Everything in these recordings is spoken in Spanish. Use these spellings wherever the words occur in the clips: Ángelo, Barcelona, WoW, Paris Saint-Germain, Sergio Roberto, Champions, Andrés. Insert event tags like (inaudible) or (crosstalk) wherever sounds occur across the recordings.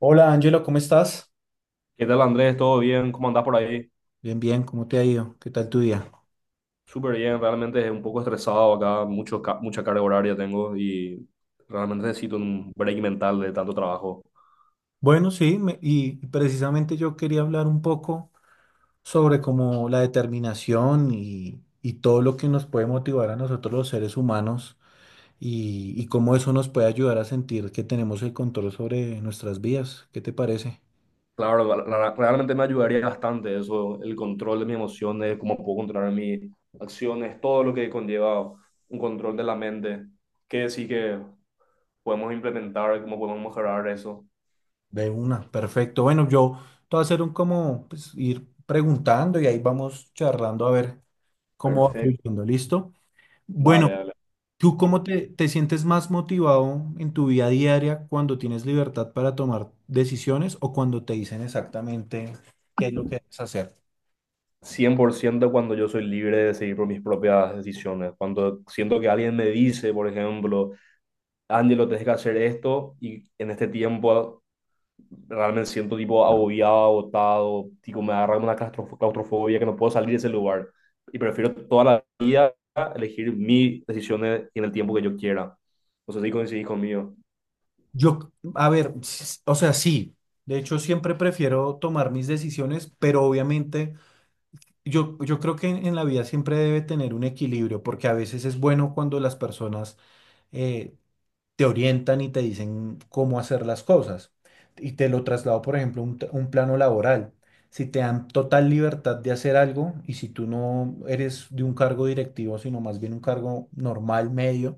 Hola Ángelo, ¿cómo estás? ¿Qué tal, Andrés? ¿Todo bien? ¿Cómo andás por ahí? Bien, bien, ¿cómo te ha ido? ¿Qué tal tu día? Súper bien, realmente es un poco estresado acá, mucha carga horaria tengo y realmente necesito un break mental de tanto trabajo. Bueno, sí, y precisamente yo quería hablar un poco sobre como la determinación y todo lo que nos puede motivar a nosotros los seres humanos y cómo eso nos puede ayudar a sentir que tenemos el control sobre nuestras vidas. ¿Qué te parece? Claro, realmente me ayudaría bastante eso, el control de mis emociones, cómo puedo controlar mis acciones, todo lo que conlleva un control de la mente, qué sí que podemos implementar, cómo podemos mejorar eso. De una, perfecto. Bueno, yo te voy a hacer un como pues, ir preguntando y ahí vamos charlando a ver cómo va Perfecto. fluyendo, ¿listo? Bueno, Dale, dale. ¿tú cómo te sientes más motivado en tu vida diaria cuando tienes libertad para tomar decisiones o cuando te dicen exactamente qué es lo que debes hacer? Cien por ciento cuando yo soy libre de decidir por mis propias decisiones. Cuando siento que alguien me dice, por ejemplo, Ángelo, tienes que hacer esto, y en este tiempo realmente siento tipo agobiado, agotado, tipo me agarra una claustrofobia que no puedo salir de ese lugar. Y prefiero toda la vida elegir mis decisiones en el tiempo que yo quiera. No sé si coincidís conmigo. Yo, a ver, o sea, sí, de hecho siempre prefiero tomar mis decisiones, pero obviamente yo creo que en la vida siempre debe tener un equilibrio, porque a veces es bueno cuando las personas eh, te orientan y te dicen cómo hacer las cosas. Y te lo traslado, por ejemplo, a un plano laboral. Si te dan total libertad de hacer algo y si tú no eres de un cargo directivo, sino más bien un cargo normal, medio,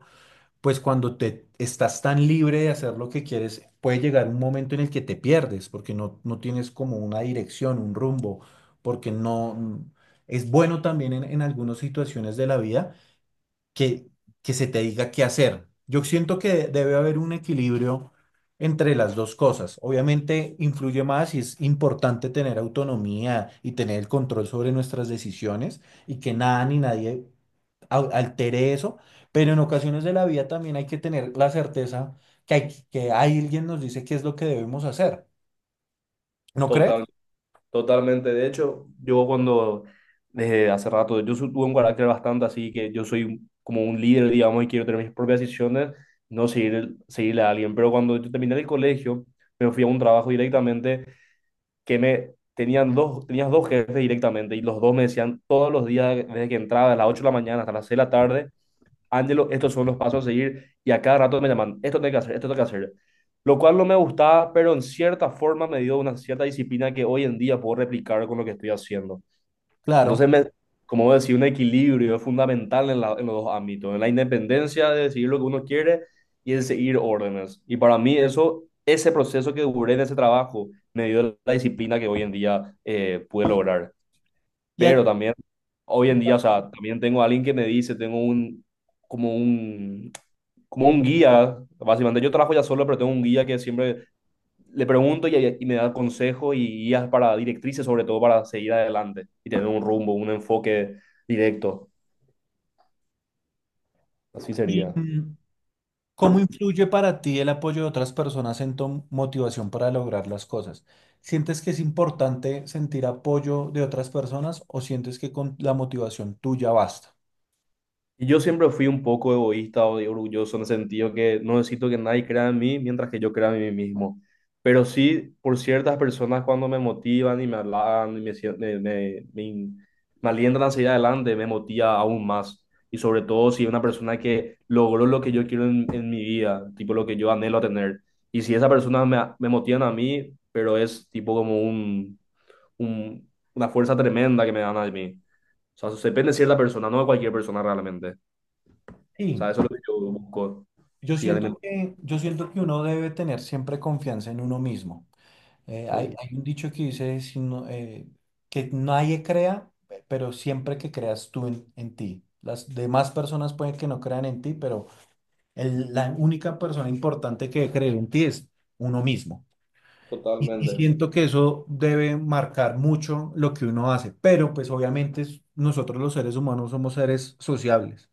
pues cuando te estás tan libre de hacer lo que quieres, puede llegar un momento en el que te pierdes porque no tienes como una dirección, un rumbo, porque no es bueno también en algunas situaciones de la vida que, que se te diga qué hacer. Yo siento que debe haber un equilibrio entre las dos cosas. Obviamente influye más y es importante tener autonomía y tener el control sobre nuestras decisiones y que nada ni nadie altere eso, pero en ocasiones de la vida también hay que tener la certeza que, hay, que alguien nos dice qué es lo que debemos hacer. ¿No crees? Totalmente, de hecho, yo cuando desde hace rato, yo tuve un carácter bastante así que yo soy como un líder, digamos, y quiero tener mis propias decisiones, no seguir, seguirle a alguien. Pero cuando yo terminé el colegio, me fui a un trabajo directamente que tenías dos jefes directamente y los dos me decían todos los días desde que entraba, a las 8 de la mañana hasta las 6 de la tarde, Ángelo, estos son los pasos a seguir y a cada rato me llaman, esto tengo que hacer, esto tengo que hacer. Lo cual no me gustaba, pero en cierta forma me dio una cierta disciplina que hoy en día puedo replicar con lo que estoy haciendo. Claro. Entonces, como vos decís, un equilibrio es fundamental en los dos ámbitos, en la independencia de decidir lo que uno quiere y en seguir órdenes. Y para mí eso, ese proceso que duré en ese trabajo me dio la disciplina que hoy en día pude lograr. Y, Pero a- también, hoy y, en pa- día, o sea, también tengo a alguien que me dice, tengo como un, como un guía, básicamente yo trabajo ya solo, pero tengo un guía que siempre le pregunto y me da consejos y guías para directrices, sobre todo para seguir adelante y tener un rumbo, un enfoque directo. Así y, sería. mm, ¿Cómo influye para ti el apoyo de otras personas en tu motivación para lograr las cosas? ¿Sientes que es importante sentir apoyo de otras personas o sientes que con la motivación tuya basta? Y yo siempre fui un poco egoísta o orgulloso en el sentido que no necesito que nadie crea en mí mientras que yo crea en mí mismo. Pero sí, por ciertas personas cuando me motivan y me hablan y me, sie- me, me, me me alientan a seguir adelante, me motiva aún más. Y sobre todo si es una persona que logró lo que yo quiero en mi vida, tipo lo que yo anhelo tener. Y si esa persona me, me motiva a mí, pero es tipo como una fuerza tremenda que me dan a mí. O sea, depende de cierta persona, no de cualquier persona realmente. O Sí, sea, eso es lo que yo busco. Sí, alimentar. Yo siento que uno debe tener siempre confianza en uno mismo. Sí, Hay un dicho que dice si no, que nadie crea, pero siempre que creas tú en ti. Las demás personas pueden que no crean en ti, pero la única persona importante que debe creer en ti es uno mismo. Y totalmente. siento que eso debe marcar mucho lo que uno hace, pero pues obviamente nosotros los seres humanos somos seres sociables.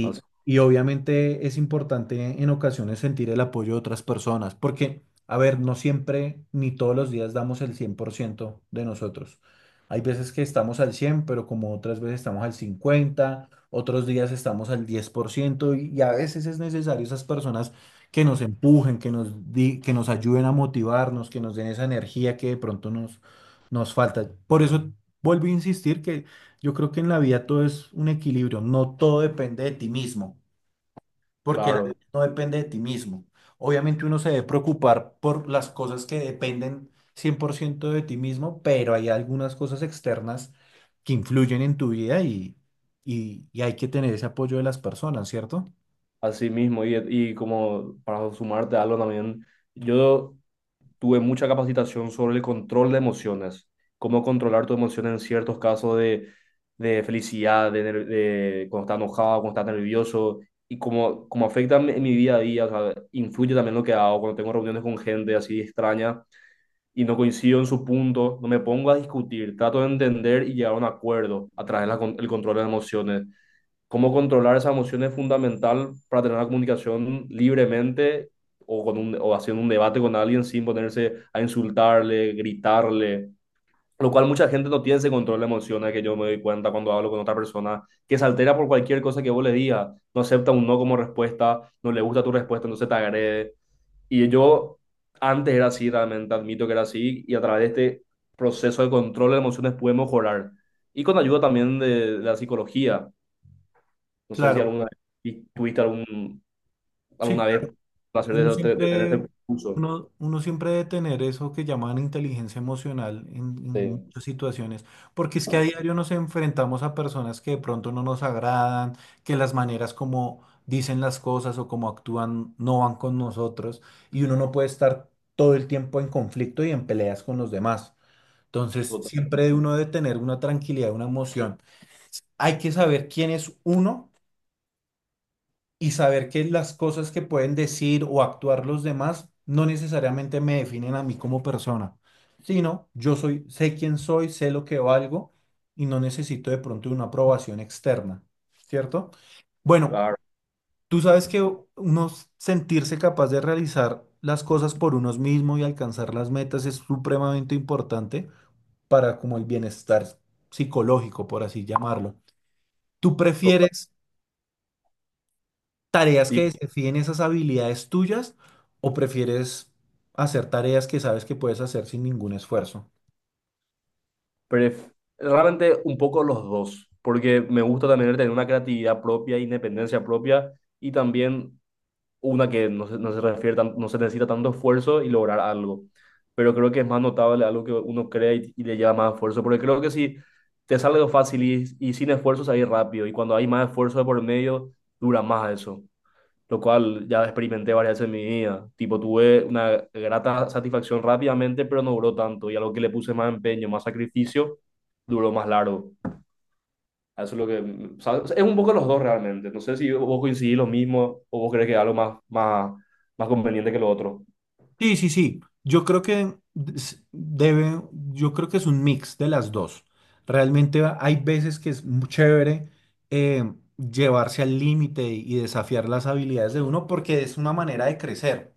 Así- y obviamente es importante en ocasiones sentir el apoyo de otras personas, porque, a ver, no siempre ni todos los días damos el 100% de nosotros. Hay veces que estamos al 100 pero como otras veces estamos al cincuenta, otros días estamos al 10% y a veces es necesario esas personas que nos empujen, que nos que nos ayuden a motivarnos, que nos den esa energía que de pronto nos falta. Por eso vuelvo a insistir, yo creo que en la vida todo es un equilibrio, no todo depende de ti mismo, porque la claro, vida no depende de ti mismo. Obviamente uno se debe preocupar por las cosas que dependen 100% de ti mismo, pero hay algunas cosas externas que influyen en tu vida y hay que tener ese apoyo de las personas, ¿cierto? así mismo. Y como para sumarte a algo también, yo tuve mucha capacitación sobre el control de emociones, cómo controlar tus emociones en ciertos casos de felicidad, de cuando estás enojado, cuando estás nervioso, y cómo, cómo afecta en mi día a día, o sea, influye también lo que hago cuando tengo reuniones con gente así extraña. Y no coincido en su punto, no me pongo a discutir, trato de entender y llegar a un acuerdo a través del control de las emociones. Cómo controlar esas emociones es fundamental para tener una comunicación libremente o, con un, o haciendo un debate con alguien sin ponerse a insultarle, gritarle, lo cual mucha gente no tiene ese control de emociones que yo me doy cuenta cuando hablo con otra persona, que se altera por cualquier cosa que vos le digas, no acepta un no como respuesta, no le gusta tu respuesta, entonces te agrede. Y yo antes era así, realmente admito que era así, y a través de este proceso de control de emociones pude mejorar. Y con ayuda también de la psicología. No sé si Claro, vez tuviste algún, sí, alguna claro. vez placer de, Uno de- de tener ese siempre, curso. Uno siempre debe tener eso que llaman inteligencia emocional en Sí, muchas situaciones, porque es que a diario nos enfrentamos a personas que de pronto no nos agradan, que las maneras como dicen las cosas o como actúan no van con nosotros, y uno no puede estar todo el tiempo en conflicto y en peleas con los demás. Entonces, total, siempre uno debe tener una tranquilidad, una emoción. Hay que saber quién es uno y saber que las cosas que pueden decir o actuar los demás no necesariamente me definen a mí como persona, sino yo soy, sé quién soy, sé lo que valgo y no necesito de pronto una aprobación externa, ¿cierto? Bueno, claro, tú sabes que uno sentirse capaz de realizar las cosas por uno mismo y alcanzar las metas es supremamente importante para como el bienestar psicológico, por así llamarlo. ¿Tú total. prefieres tareas Y que desafíen esas habilidades tuyas o prefieres hacer tareas que sabes que puedes hacer sin ningún esfuerzo? Pref- Realmente un poco los dos, porque me gusta también el tener una creatividad propia, independencia propia y también una que no se necesita tanto esfuerzo y lograr algo. Pero creo que es más notable algo que uno crea y le lleva más esfuerzo, porque creo que si te sale algo fácil y sin esfuerzo, ahí rápido. Y cuando hay más esfuerzo de por medio, dura más eso, lo cual ya experimenté varias veces en mi vida. Tipo, tuve una grata satisfacción rápidamente, pero no duró tanto. Y a lo que le puse más empeño, más sacrificio, duró más largo. Eso es lo que... o sea, es un poco los dos realmente. No sé si vos coincidís lo mismo o vos crees que es algo más, más, más conveniente que lo otro. Sí, sí, sí. Yo creo que yo creo que es un mix de las dos. Realmente hay veces que es muy chévere eh, llevarse al límite y desafiar las habilidades de uno porque es una manera de crecer.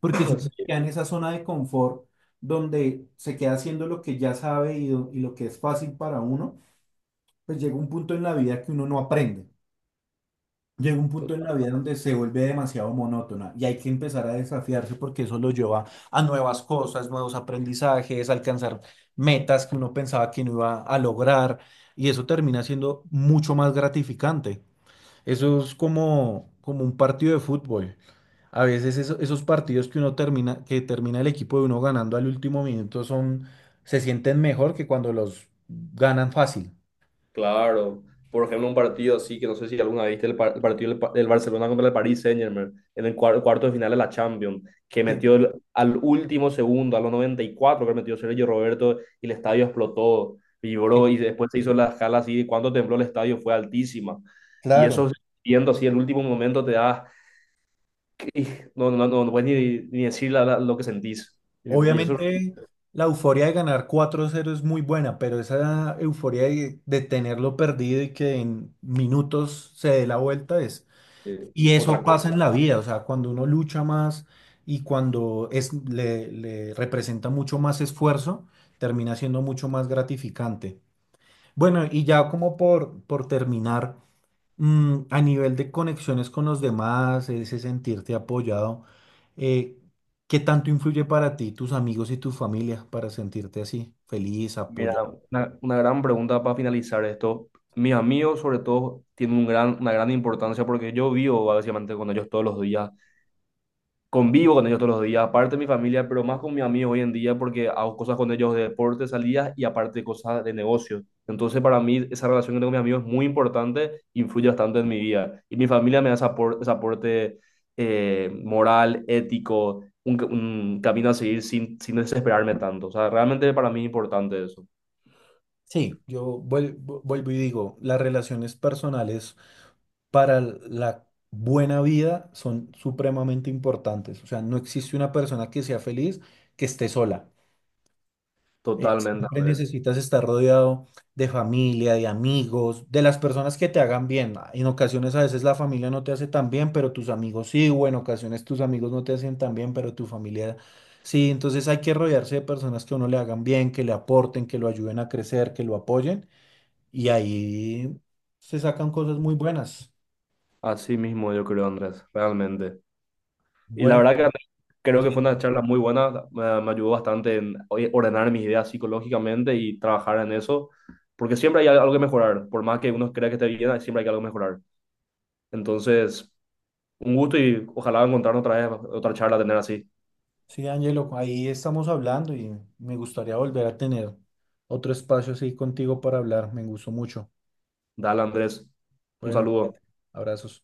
Porque si (coughs) (clears throat) uno se Sí. queda en esa zona de confort donde se queda haciendo lo que ya sabe y lo que es fácil para uno, pues llega un punto en la vida que uno no aprende. Llega un punto en la vida donde se vuelve demasiado monótona y hay que empezar a desafiarse porque eso lo lleva a nuevas cosas, nuevos aprendizajes, alcanzar metas que uno pensaba que no iba a lograr y eso termina siendo mucho más gratificante. Eso es como, como un partido de fútbol. A veces esos partidos que uno termina, que termina el equipo de uno ganando al último minuto son, se sienten mejor que cuando los ganan fácil. Claro, por ejemplo, un partido así que no sé si alguna vez viste el partido del Barcelona contra el Paris Saint-Germain en el cuarto de final de la Champions, que Sí. metió al último segundo, a los 94, que metió Sergio Roberto y el estadio explotó, Eh, vibró y después se hizo la escala así, de cuánto tembló el estadio fue altísima. Y eso claro. viendo así el último momento te da, no, no, no, no puedes ni decir lo que sentís. Y eso es Obviamente la euforia de ganar 4-0 es muy buena, pero esa euforia de tenerlo perdido y que en minutos se dé la vuelta es... Y otra eso cosa. pasa en la vida, o sea, cuando uno lucha más y cuando es, le representa mucho más esfuerzo, termina siendo mucho más gratificante. Bueno, y ya como por terminar, Mm, a nivel de conexiones con los demás, ese sentirte apoyado, eh, ¿qué tanto influye para ti, tus amigos y tu familia para sentirte así, feliz, Mira, apoyado? una gran pregunta para finalizar esto. Mis amigos, sobre todo, tienen una gran importancia porque yo vivo básicamente con ellos todos los días, convivo con ellos todos los días, aparte de mi familia, pero más con mis amigos hoy en día porque hago cosas con ellos de deporte, salidas y aparte cosas de negocio. Entonces, para mí, esa relación que tengo con mis amigos es muy importante, influye bastante en mi vida. Y mi familia me da ese aporte, moral, ético, un camino a seguir sin desesperarme tanto. O sea, realmente para mí es importante eso. Sí, vuelvo y digo, las relaciones personales para la buena vida son supremamente importantes. O sea, no existe una persona que sea feliz que esté sola. Totalmente, Siempre Andrés. necesitas estar rodeado de familia, de amigos, de las personas que te hagan bien. En ocasiones a veces la familia no te hace tan bien, pero tus amigos sí, o en ocasiones tus amigos no te hacen tan bien, pero tu familia sí. Entonces hay que rodearse de personas que a uno le hagan bien, que le aporten, que lo ayuden a crecer, que lo apoyen, y ahí se sacan cosas muy buenas. Así mismo yo creo, Andrés, realmente. Y la Bueno, verdad que Andrés, creo sí, que fue una charla muy buena, me ayudó bastante en oye, ordenar mis ideas psicológicamente y trabajar en eso, porque siempre hay algo que mejorar, por más que uno crea que esté bien, siempre hay algo que mejorar. Entonces, un gusto y ojalá encontrarnos otra vez, otra charla, tener así. sí, Ángelo, ahí estamos hablando y me gustaría volver a tener otro espacio así contigo para hablar. Me gustó mucho. Dale, Andrés, un Bueno, saludo. cuídate. Abrazos.